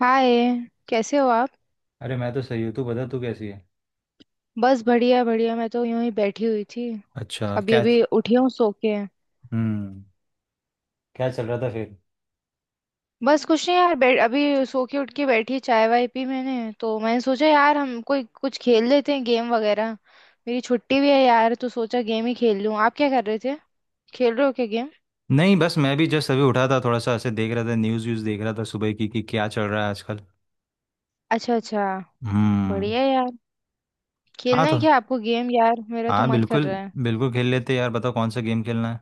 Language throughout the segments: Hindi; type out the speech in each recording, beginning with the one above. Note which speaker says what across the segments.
Speaker 1: हाय। कैसे हो आप।
Speaker 2: अरे मैं तो सही हूँ। तू बता तू कैसी है।
Speaker 1: बस बढ़िया बढ़िया, मैं तो यूं ही बैठी हुई थी।
Speaker 2: अच्छा
Speaker 1: अभी
Speaker 2: क्या।
Speaker 1: अभी उठी हूँ सो के।
Speaker 2: हम्म। क्या चल रहा था फिर।
Speaker 1: बस कुछ नहीं यार, बैठ अभी सो के उठ के बैठी चाय वाय पी। मैंने सोचा यार, हम कोई कुछ खेल लेते हैं गेम वगैरह। मेरी छुट्टी भी है यार, तो सोचा गेम ही खेल लूँ। आप क्या कर रहे थे। खेल रहे हो क्या गेम।
Speaker 2: नहीं, बस मैं भी जस्ट अभी उठा था, थोड़ा सा ऐसे देख रहा था, न्यूज़ व्यूज़ देख रहा था सुबह की कि क्या चल रहा है आजकल।
Speaker 1: अच्छा अच्छा।
Speaker 2: हम्म।
Speaker 1: बढ़िया यार।
Speaker 2: हाँ
Speaker 1: खेलना
Speaker 2: तो।
Speaker 1: है क्या आपको गेम? यार मेरा तो
Speaker 2: हाँ,
Speaker 1: मन कर
Speaker 2: बिल्कुल
Speaker 1: रहा है।
Speaker 2: बिल्कुल खेल लेते हैं यार। बताओ कौन सा गेम खेलना है।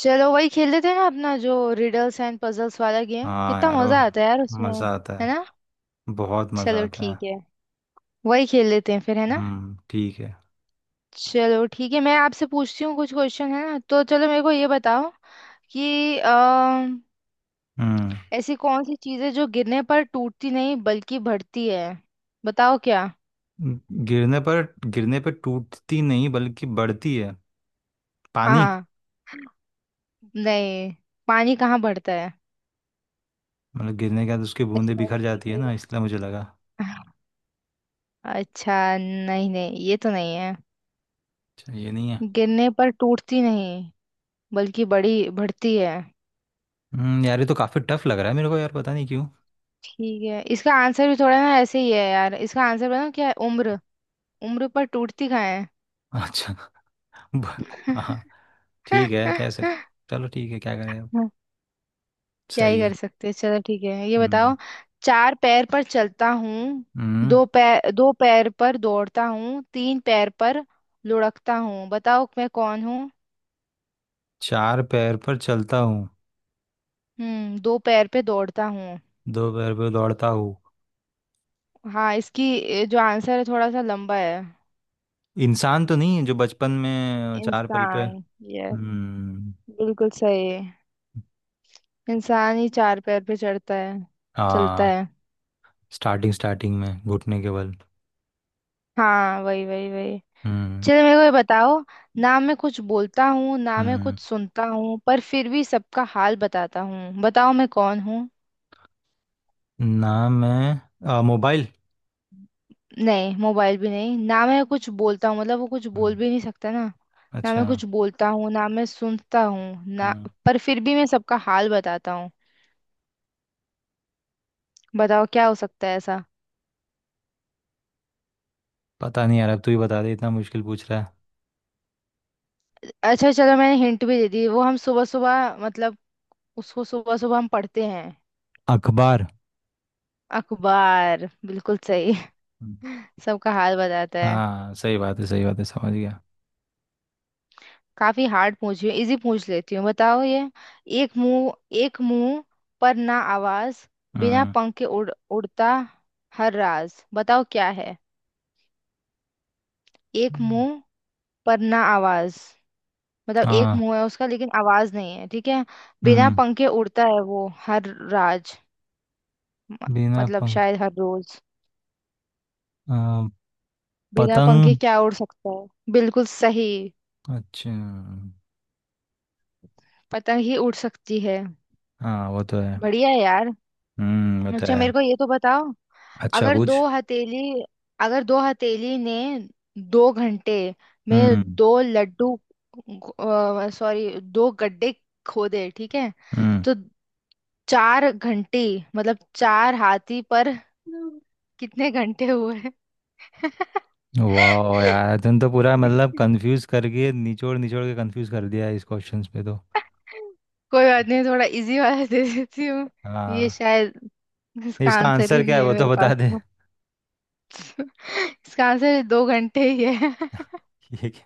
Speaker 1: चलो वही खेल लेते हैं ना, अपना जो रिडल्स एंड पजल्स वाला गेम।
Speaker 2: हाँ
Speaker 1: कितना
Speaker 2: यार ओ,
Speaker 1: मजा आता है यार उसमें।
Speaker 2: मज़ा आता
Speaker 1: है ना।
Speaker 2: है। बहुत मज़ा
Speaker 1: चलो
Speaker 2: आता है।
Speaker 1: ठीक है। वही खेल लेते हैं फिर, है ना।
Speaker 2: हम्म। ठीक है।
Speaker 1: चलो ठीक है, मैं आपसे पूछती हूँ कुछ क्वेश्चन है ना। तो चलो मेरे को ये बताओ कि
Speaker 2: हम्म।
Speaker 1: ऐसी कौन सी चीज़ है जो गिरने पर टूटती नहीं बल्कि बढ़ती है। बताओ क्या।
Speaker 2: गिरने पर टूटती नहीं बल्कि बढ़ती है। पानी।
Speaker 1: हाँ। नहीं। पानी कहाँ बढ़ता है।
Speaker 2: मतलब गिरने के बाद उसकी
Speaker 1: ऐसी
Speaker 2: बूंदें
Speaker 1: कौन
Speaker 2: बिखर
Speaker 1: सी
Speaker 2: जाती
Speaker 1: चीज़
Speaker 2: है
Speaker 1: है
Speaker 2: ना,
Speaker 1: जो-
Speaker 2: इसलिए मुझे लगा।
Speaker 1: अच्छा, नहीं नहीं, ये तो नहीं है।
Speaker 2: अच्छा, ये नहीं है।
Speaker 1: गिरने पर टूटती नहीं बल्कि बड़ी बढ़ती है।
Speaker 2: यार, ये तो काफी टफ लग रहा है मेरे को यार, पता नहीं क्यों।
Speaker 1: ठीक है, इसका आंसर भी थोड़ा ना ऐसे ही है यार। इसका आंसर बताओ क्या है। उम्र। उम्र पर टूटती कहाँ है।
Speaker 2: अच्छा। ब- हाँ। ठीक है, कह सक
Speaker 1: हाँ।
Speaker 2: चलो ठीक है, क्या करें अब।
Speaker 1: क्या ही
Speaker 2: सही
Speaker 1: कर
Speaker 2: है।
Speaker 1: सकते हैं। चलो ठीक है, ये
Speaker 2: हम्म।
Speaker 1: बताओ। चार पैर पर चलता हूँ,
Speaker 2: हम्म।
Speaker 1: दो पैर पर दौड़ता हूँ, तीन पैर पर लुढ़कता हूँ। बताओ मैं कौन हूँ।
Speaker 2: चार पैर पर चलता हूँ,
Speaker 1: दो पैर पे दौड़ता हूँ।
Speaker 2: दो पैर पर दौड़ता हूँ।
Speaker 1: हाँ, इसकी जो आंसर है थोड़ा सा लंबा है।
Speaker 2: इंसान तो नहीं है जो बचपन में चार पैर पे।
Speaker 1: इंसान। ये
Speaker 2: हम्म।
Speaker 1: बिल्कुल सही है। इंसान ही चार पैर पे चढ़ता है। चलता
Speaker 2: हाँ।
Speaker 1: है।
Speaker 2: स्टार्टिंग स्टार्टिंग में घुटने के बल।
Speaker 1: हाँ, वही वही वही।
Speaker 2: हम्म।
Speaker 1: चलो मेरे को ये बताओ। ना मैं कुछ बोलता हूँ, ना मैं
Speaker 2: हम्म।
Speaker 1: कुछ सुनता हूँ, पर फिर भी सबका हाल बताता हूँ। बताओ मैं कौन हूँ।
Speaker 2: नाम है मोबाइल।
Speaker 1: नहीं, मोबाइल भी नहीं। ना मैं कुछ बोलता हूँ मतलब, वो कुछ बोल
Speaker 2: हम्म।
Speaker 1: भी नहीं सकता ना। ना
Speaker 2: अच्छा।
Speaker 1: मैं कुछ बोलता हूँ, ना मैं सुनता हूँ ना।
Speaker 2: हम्म।
Speaker 1: पर फिर भी मैं सबका हाल बताता हूँ। बताओ क्या हो सकता है ऐसा।
Speaker 2: पता नहीं यार, अब तू ही बता दे, इतना मुश्किल पूछ रहा है।
Speaker 1: अच्छा चलो, मैंने हिंट भी दे दी। वो हम सुबह सुबह मतलब, उसको सुबह सुबह हम पढ़ते हैं।
Speaker 2: अखबार।
Speaker 1: अखबार। बिल्कुल सही।
Speaker 2: हम्म।
Speaker 1: सबका हाल बताता है।
Speaker 2: हाँ, सही बात है सही बात है, समझ गया।
Speaker 1: काफी हार्ड पूछ रही हूँ, इजी पूछ लेती हूँ। बताओ ये। एक मुंह, एक मुंह पर ना आवाज, बिना
Speaker 2: हम्म।
Speaker 1: पंख के उड़ता हर राज। बताओ क्या है। एक
Speaker 2: हम्म।
Speaker 1: मुंह पर ना आवाज। मतलब एक
Speaker 2: हाँ।
Speaker 1: मुंह है उसका लेकिन आवाज नहीं है, ठीक है। बिना
Speaker 2: हम्म
Speaker 1: पंखे उड़ता है वो हर राज। म-
Speaker 2: बिना
Speaker 1: मतलब
Speaker 2: पंख
Speaker 1: शायद हर रोज।
Speaker 2: आ,
Speaker 1: बिना पंखे
Speaker 2: पतंग।
Speaker 1: क्या उड़ सकता है। बिल्कुल सही।
Speaker 2: अच्छा।
Speaker 1: पतंग ही उड़ सकती है।
Speaker 2: हाँ, वो तो है।
Speaker 1: बढ़िया है यार।
Speaker 2: वो तो
Speaker 1: अच्छा,
Speaker 2: है।
Speaker 1: मेरे को ये तो बताओ।
Speaker 2: अच्छा,
Speaker 1: अगर
Speaker 2: पूछ।
Speaker 1: दो हथेली अगर दो हथेली ने दो घंटे में
Speaker 2: हम्म।
Speaker 1: दो लड्डू सॉरी दो गड्ढे खोदे, ठीक है।
Speaker 2: हम्म।
Speaker 1: तो चार घंटी मतलब चार हाथी पर कितने घंटे हुए?
Speaker 2: वाह यार, तुम तो पूरा मतलब कंफ्यूज करके निचोड़ निचोड़ के कंफ्यूज कर दिया है इस क्वेश्चंस पे तो।
Speaker 1: कोई बात नहीं, थोड़ा इजी वाला दे देती हूँ। ये
Speaker 2: हाँ।
Speaker 1: शायद इसका
Speaker 2: इसका
Speaker 1: आंसर
Speaker 2: आंसर
Speaker 1: भी
Speaker 2: क्या
Speaker 1: नहीं
Speaker 2: है
Speaker 1: है
Speaker 2: वो तो
Speaker 1: मेरे
Speaker 2: बता
Speaker 1: पास
Speaker 2: दे।
Speaker 1: तो। इसका आंसर दो घंटे ही है।
Speaker 2: ये क्या।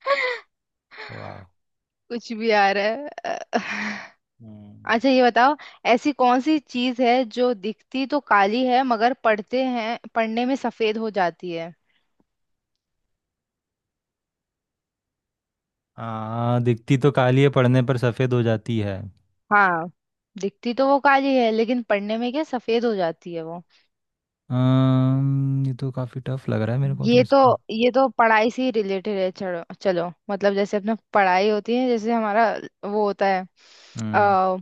Speaker 2: वाह।
Speaker 1: कुछ भी आ रहा है।
Speaker 2: हम्म।
Speaker 1: अच्छा ये बताओ। ऐसी कौन सी चीज है जो दिखती तो काली है मगर पढ़ते हैं पढ़ने में सफेद हो जाती है।
Speaker 2: हाँ, दिखती तो काली है, पढ़ने पर सफेद हो जाती है।
Speaker 1: हाँ, दिखती तो वो काली है लेकिन पढ़ने में क्या सफेद हो जाती है वो।
Speaker 2: ये तो काफ़ी टफ लग रहा है मेरे को तो
Speaker 1: ये तो
Speaker 2: इसको।
Speaker 1: ये तो पढ़ाई से ही रिलेटेड है। चलो चलो, मतलब जैसे अपना पढ़ाई होती है जैसे हमारा वो होता है।
Speaker 2: हम्म।
Speaker 1: आ,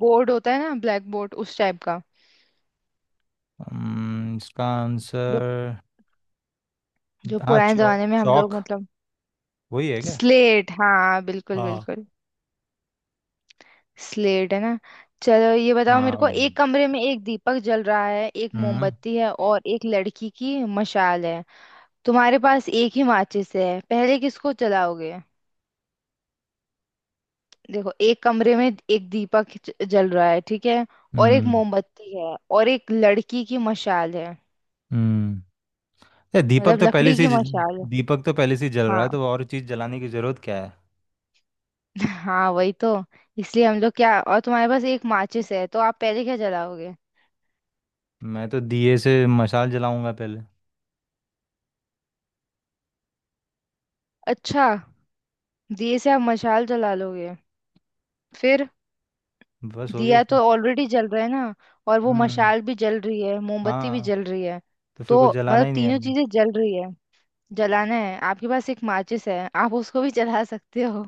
Speaker 1: बोर्ड होता है ना, ब्लैक बोर्ड उस टाइप का।
Speaker 2: इसका
Speaker 1: जो
Speaker 2: आंसर।
Speaker 1: जो
Speaker 2: हाँ,
Speaker 1: पुराने
Speaker 2: चौक
Speaker 1: जमाने में हम
Speaker 2: चौक,
Speaker 1: लोग मतलब,
Speaker 2: वही है क्या।
Speaker 1: स्लेट। हाँ बिल्कुल
Speaker 2: हाँ
Speaker 1: बिल्कुल। स्लेट है ना। चलो ये बताओ मेरे को।
Speaker 2: हाँ।
Speaker 1: एक कमरे में एक दीपक जल रहा है, एक
Speaker 2: हम्म।
Speaker 1: मोमबत्ती है और एक लड़की की मशाल है। तुम्हारे पास एक ही माचिस है, पहले किसको जलाओगे। देखो, एक कमरे में एक दीपक जल रहा है, ठीक है। और एक
Speaker 2: हम्म।
Speaker 1: मोमबत्ती है और एक लड़की की मशाल है।
Speaker 2: हम्म। ये दीपक
Speaker 1: मतलब
Speaker 2: तो पहले
Speaker 1: लकड़ी
Speaker 2: से
Speaker 1: की मशाल है।
Speaker 2: दीपक तो पहले से ही जल रहा है
Speaker 1: हाँ।
Speaker 2: तो और चीज़ जलाने की ज़रूरत क्या है।
Speaker 1: हाँ वही तो। इसलिए हम लोग क्या, और तुम्हारे पास एक माचिस है, तो आप पहले क्या जलाओगे।
Speaker 2: मैं तो दिए से मशाल जलाऊंगा पहले।
Speaker 1: अच्छा, दिए से आप मशाल जला लोगे फिर।
Speaker 2: बस हो गया
Speaker 1: दिया तो
Speaker 2: फिर।
Speaker 1: ऑलरेडी जल रहा है ना। और वो
Speaker 2: हम्म।
Speaker 1: मशाल भी जल रही है, मोमबत्ती भी
Speaker 2: हाँ।
Speaker 1: जल रही है।
Speaker 2: तो फिर
Speaker 1: तो
Speaker 2: कुछ जलाना
Speaker 1: मतलब
Speaker 2: ही नहीं है
Speaker 1: तीनों
Speaker 2: हमें।
Speaker 1: चीजें जल रही है। जलाना है, आपके पास एक माचिस है, आप उसको भी जला सकते हो।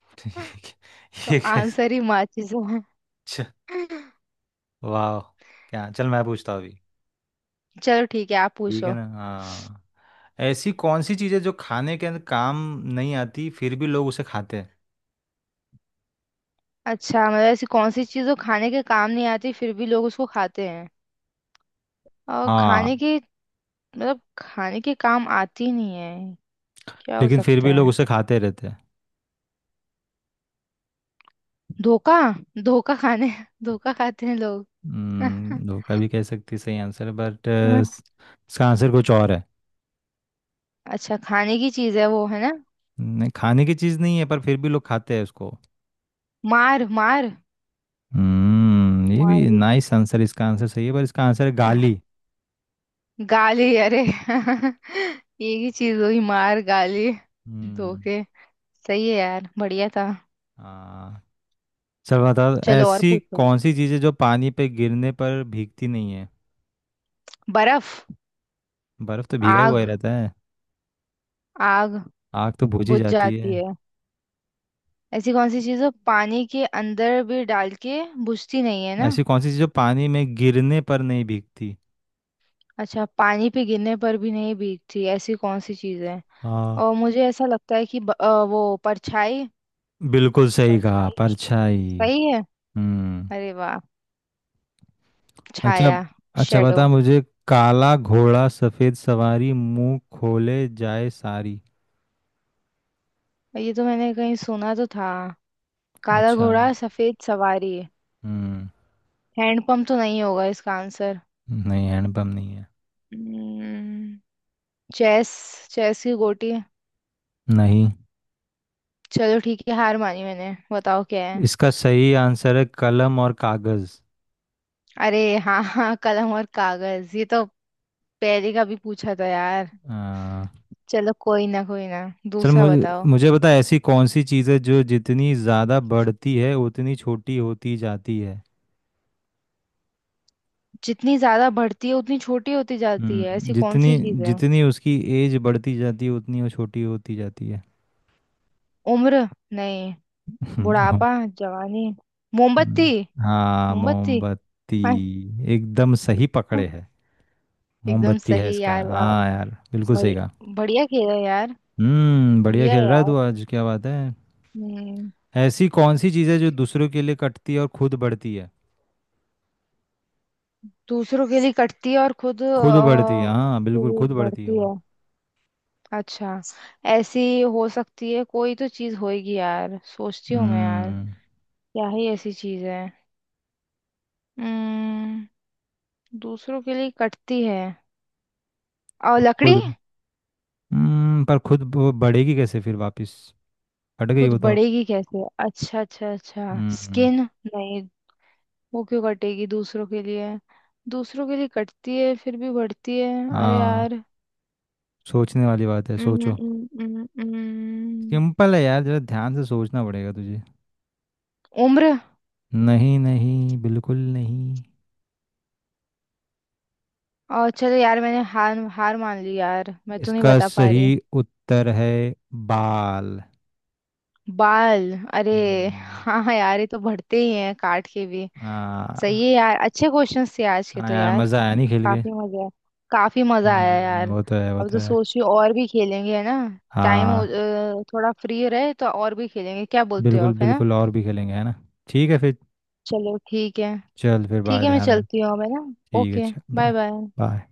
Speaker 2: ये कै-
Speaker 1: तो
Speaker 2: ये कैसे।
Speaker 1: आंसर ही माचिस है।
Speaker 2: वाह। क्या चल मैं पूछता हूँ अभी।
Speaker 1: चलो ठीक है, आप
Speaker 2: ठीक है
Speaker 1: पूछो।
Speaker 2: ना। हाँ। ऐसी कौन सी चीज़ है जो खाने के अंदर काम नहीं आती फिर भी लोग उसे खाते हैं।
Speaker 1: अच्छा मतलब ऐसी कौन सी चीज़ जो खाने के काम नहीं आती फिर भी लोग उसको खाते हैं। और खाने
Speaker 2: हाँ,
Speaker 1: के, मतलब खाने के काम आती नहीं है। क्या हो
Speaker 2: लेकिन फिर
Speaker 1: सकता
Speaker 2: भी लोग
Speaker 1: है।
Speaker 2: उसे खाते रहते हैं।
Speaker 1: धोखा। धोखा खाने, धोखा खाते हैं लोग।
Speaker 2: धोखा भी कह सकती, सही आंसर है बट इसका आंसर कुछ और है।
Speaker 1: अच्छा खाने की चीज है वो, है ना।
Speaker 2: नहीं, खाने की चीज़ नहीं है पर फिर भी लोग खाते हैं उसको।
Speaker 1: मार मार।
Speaker 2: ये
Speaker 1: मार
Speaker 2: भी
Speaker 1: भी।
Speaker 2: नाइस आंसर, इसका आंसर सही है पर इसका आंसर है गाली।
Speaker 1: गाली, अरे एक ही चीज हुई मार गाली।
Speaker 2: हम्म।
Speaker 1: धोखे। सही है यार, बढ़िया था।
Speaker 2: हाँ चल, बताओ
Speaker 1: चलो और
Speaker 2: ऐसी
Speaker 1: पूछो आप।
Speaker 2: कौन सी चीज़ है जो पानी पे गिरने पर भीगती नहीं है।
Speaker 1: बर्फ।
Speaker 2: बर्फ तो भीगा हुआ ही
Speaker 1: आग
Speaker 2: रहता है।
Speaker 1: आग।
Speaker 2: आग तो बुझ ही
Speaker 1: बुझ
Speaker 2: जाती
Speaker 1: जाती
Speaker 2: है।
Speaker 1: है। ऐसी कौन सी चीज है पानी के अंदर भी डाल के बुझती नहीं है ना।
Speaker 2: ऐसी कौन सी चीज जो पानी में गिरने पर नहीं भीगती।
Speaker 1: अच्छा, पानी पे गिरने पर भी नहीं भीगती ऐसी कौन सी चीज है।
Speaker 2: हाँ,
Speaker 1: और मुझे ऐसा लगता है कि वो परछाई।
Speaker 2: बिल्कुल सही कहा,
Speaker 1: परछाई
Speaker 2: परछाई।
Speaker 1: सही है।
Speaker 2: हम्म।
Speaker 1: अरे वाह।
Speaker 2: अच्छा।
Speaker 1: छाया।
Speaker 2: अच्छा,
Speaker 1: शेडो।
Speaker 2: बता मुझे। काला घोड़ा सफेद सवारी, मुंह खोले जाए सारी।
Speaker 1: ये तो मैंने कहीं सुना तो था। काला
Speaker 2: अच्छा।
Speaker 1: घोड़ा सफेद सवारी।
Speaker 2: हम्म।
Speaker 1: हैंडपंप तो नहीं होगा इसका आंसर।
Speaker 2: नहीं, हैंडपम्प नहीं है।
Speaker 1: हम्म। चेस चेस की गोटी।
Speaker 2: नहीं,
Speaker 1: चलो ठीक है, हार मानी मैंने, बताओ क्या है।
Speaker 2: इसका सही आंसर है कलम और कागज।
Speaker 1: अरे हाँ हाँ, कलम और कागज, ये तो पहले का भी पूछा था यार।
Speaker 2: आ,
Speaker 1: चलो कोई ना कोई ना,
Speaker 2: चल,
Speaker 1: दूसरा
Speaker 2: मुझे
Speaker 1: बताओ।
Speaker 2: मुझे बता ऐसी कौन सी चीज़ है जो जितनी ज़्यादा बढ़ती है उतनी छोटी होती जाती है।
Speaker 1: जितनी ज्यादा बढ़ती है उतनी छोटी होती जाती है, ऐसी कौन
Speaker 2: जितनी
Speaker 1: सी चीज है।
Speaker 2: जितनी उसकी एज बढ़ती जाती है उतनी वो छोटी होती जाती है।
Speaker 1: उम्र। नहीं।
Speaker 2: हम्म। हाँ।
Speaker 1: बुढ़ापा। जवानी। मोमबत्ती।
Speaker 2: हम्म। हाँ,
Speaker 1: मोमबत्ती।
Speaker 2: मोमबत्ती। एकदम सही पकड़े है।
Speaker 1: एकदम
Speaker 2: मोमबत्ती है
Speaker 1: सही
Speaker 2: इसका,
Speaker 1: यार, वाह।
Speaker 2: हाँ यार, बिल्कुल सही कहा।
Speaker 1: बढ़िया बढ़िया खेला यार।
Speaker 2: बढ़िया
Speaker 1: बढ़िया
Speaker 2: खेल रहा है
Speaker 1: यार।
Speaker 2: तू आज, क्या बात है।
Speaker 1: हम्म।
Speaker 2: ऐसी कौन सी चीज़ है जो दूसरों के लिए कटती है और खुद बढ़ती है।
Speaker 1: दूसरों के लिए कटती है और खुद
Speaker 2: खुद बढ़ती है, हाँ
Speaker 1: के
Speaker 2: बिल्कुल,
Speaker 1: लिए
Speaker 2: खुद बढ़ती है
Speaker 1: बढ़ती
Speaker 2: वो।
Speaker 1: है। अच्छा। ऐसी हो सकती है, कोई तो चीज होएगी यार, सोचती हूँ मैं यार।
Speaker 2: हम्म
Speaker 1: क्या ही ऐसी चीज है। हम्म। दूसरों के लिए कटती है, और
Speaker 2: अब
Speaker 1: लकड़ी।
Speaker 2: खुद। पर खुद वो बढ़ेगी कैसे फिर वापस। कट गई
Speaker 1: खुद
Speaker 2: वो तो।
Speaker 1: बढ़ेगी कैसे? अच्छा अच्छा अच्छा,
Speaker 2: हम्म।
Speaker 1: स्किन। नहीं। वो क्यों कटेगी दूसरों के लिए। दूसरों के लिए कटती है फिर भी बढ़ती है, अरे
Speaker 2: हाँ।
Speaker 1: यार।
Speaker 2: सोचने वाली बात है,
Speaker 1: हम्म,
Speaker 2: सोचो।
Speaker 1: हम्म, हम्म, हम्म।
Speaker 2: सिंपल है यार, जरा ध्यान से सोचना पड़ेगा तुझे।
Speaker 1: उम्र।
Speaker 2: नहीं नहीं, बिल्कुल नहीं।
Speaker 1: और चलो यार, मैंने हार हार मान ली यार, मैं तो नहीं
Speaker 2: इसका
Speaker 1: बता पा
Speaker 2: सही
Speaker 1: रही।
Speaker 2: उत्तर है, बाल।
Speaker 1: बाल? अरे
Speaker 2: हम्म,
Speaker 1: हाँ हाँ यार, ये तो बढ़ते ही हैं काट के भी। सही है
Speaker 2: हाँ
Speaker 1: यार, अच्छे क्वेश्चंस थे आज के
Speaker 2: हाँ
Speaker 1: तो
Speaker 2: यार,
Speaker 1: यार।
Speaker 2: मज़ा आया नहीं खेल के।
Speaker 1: काफी मजा काफी मजा आया यार।
Speaker 2: वो तो है वो
Speaker 1: अब
Speaker 2: तो
Speaker 1: तो
Speaker 2: है।
Speaker 1: सोच रही हूँ और भी खेलेंगे, है ना। टाइम
Speaker 2: हाँ
Speaker 1: थोड़ा फ्री रहे तो और भी खेलेंगे, क्या बोलते हो
Speaker 2: बिल्कुल
Speaker 1: आप, है ना।
Speaker 2: बिल्कुल, और भी खेलेंगे है ना। ठीक है फिर।
Speaker 1: चलो ठीक है।
Speaker 2: चल फिर,
Speaker 1: ठीक
Speaker 2: बाय,
Speaker 1: है, मैं
Speaker 2: ध्यान रख।
Speaker 1: चलती हूँ अब, है ना।
Speaker 2: ठीक है,
Speaker 1: ओके।
Speaker 2: चल,
Speaker 1: बाय
Speaker 2: बाय
Speaker 1: बाय।
Speaker 2: बाय।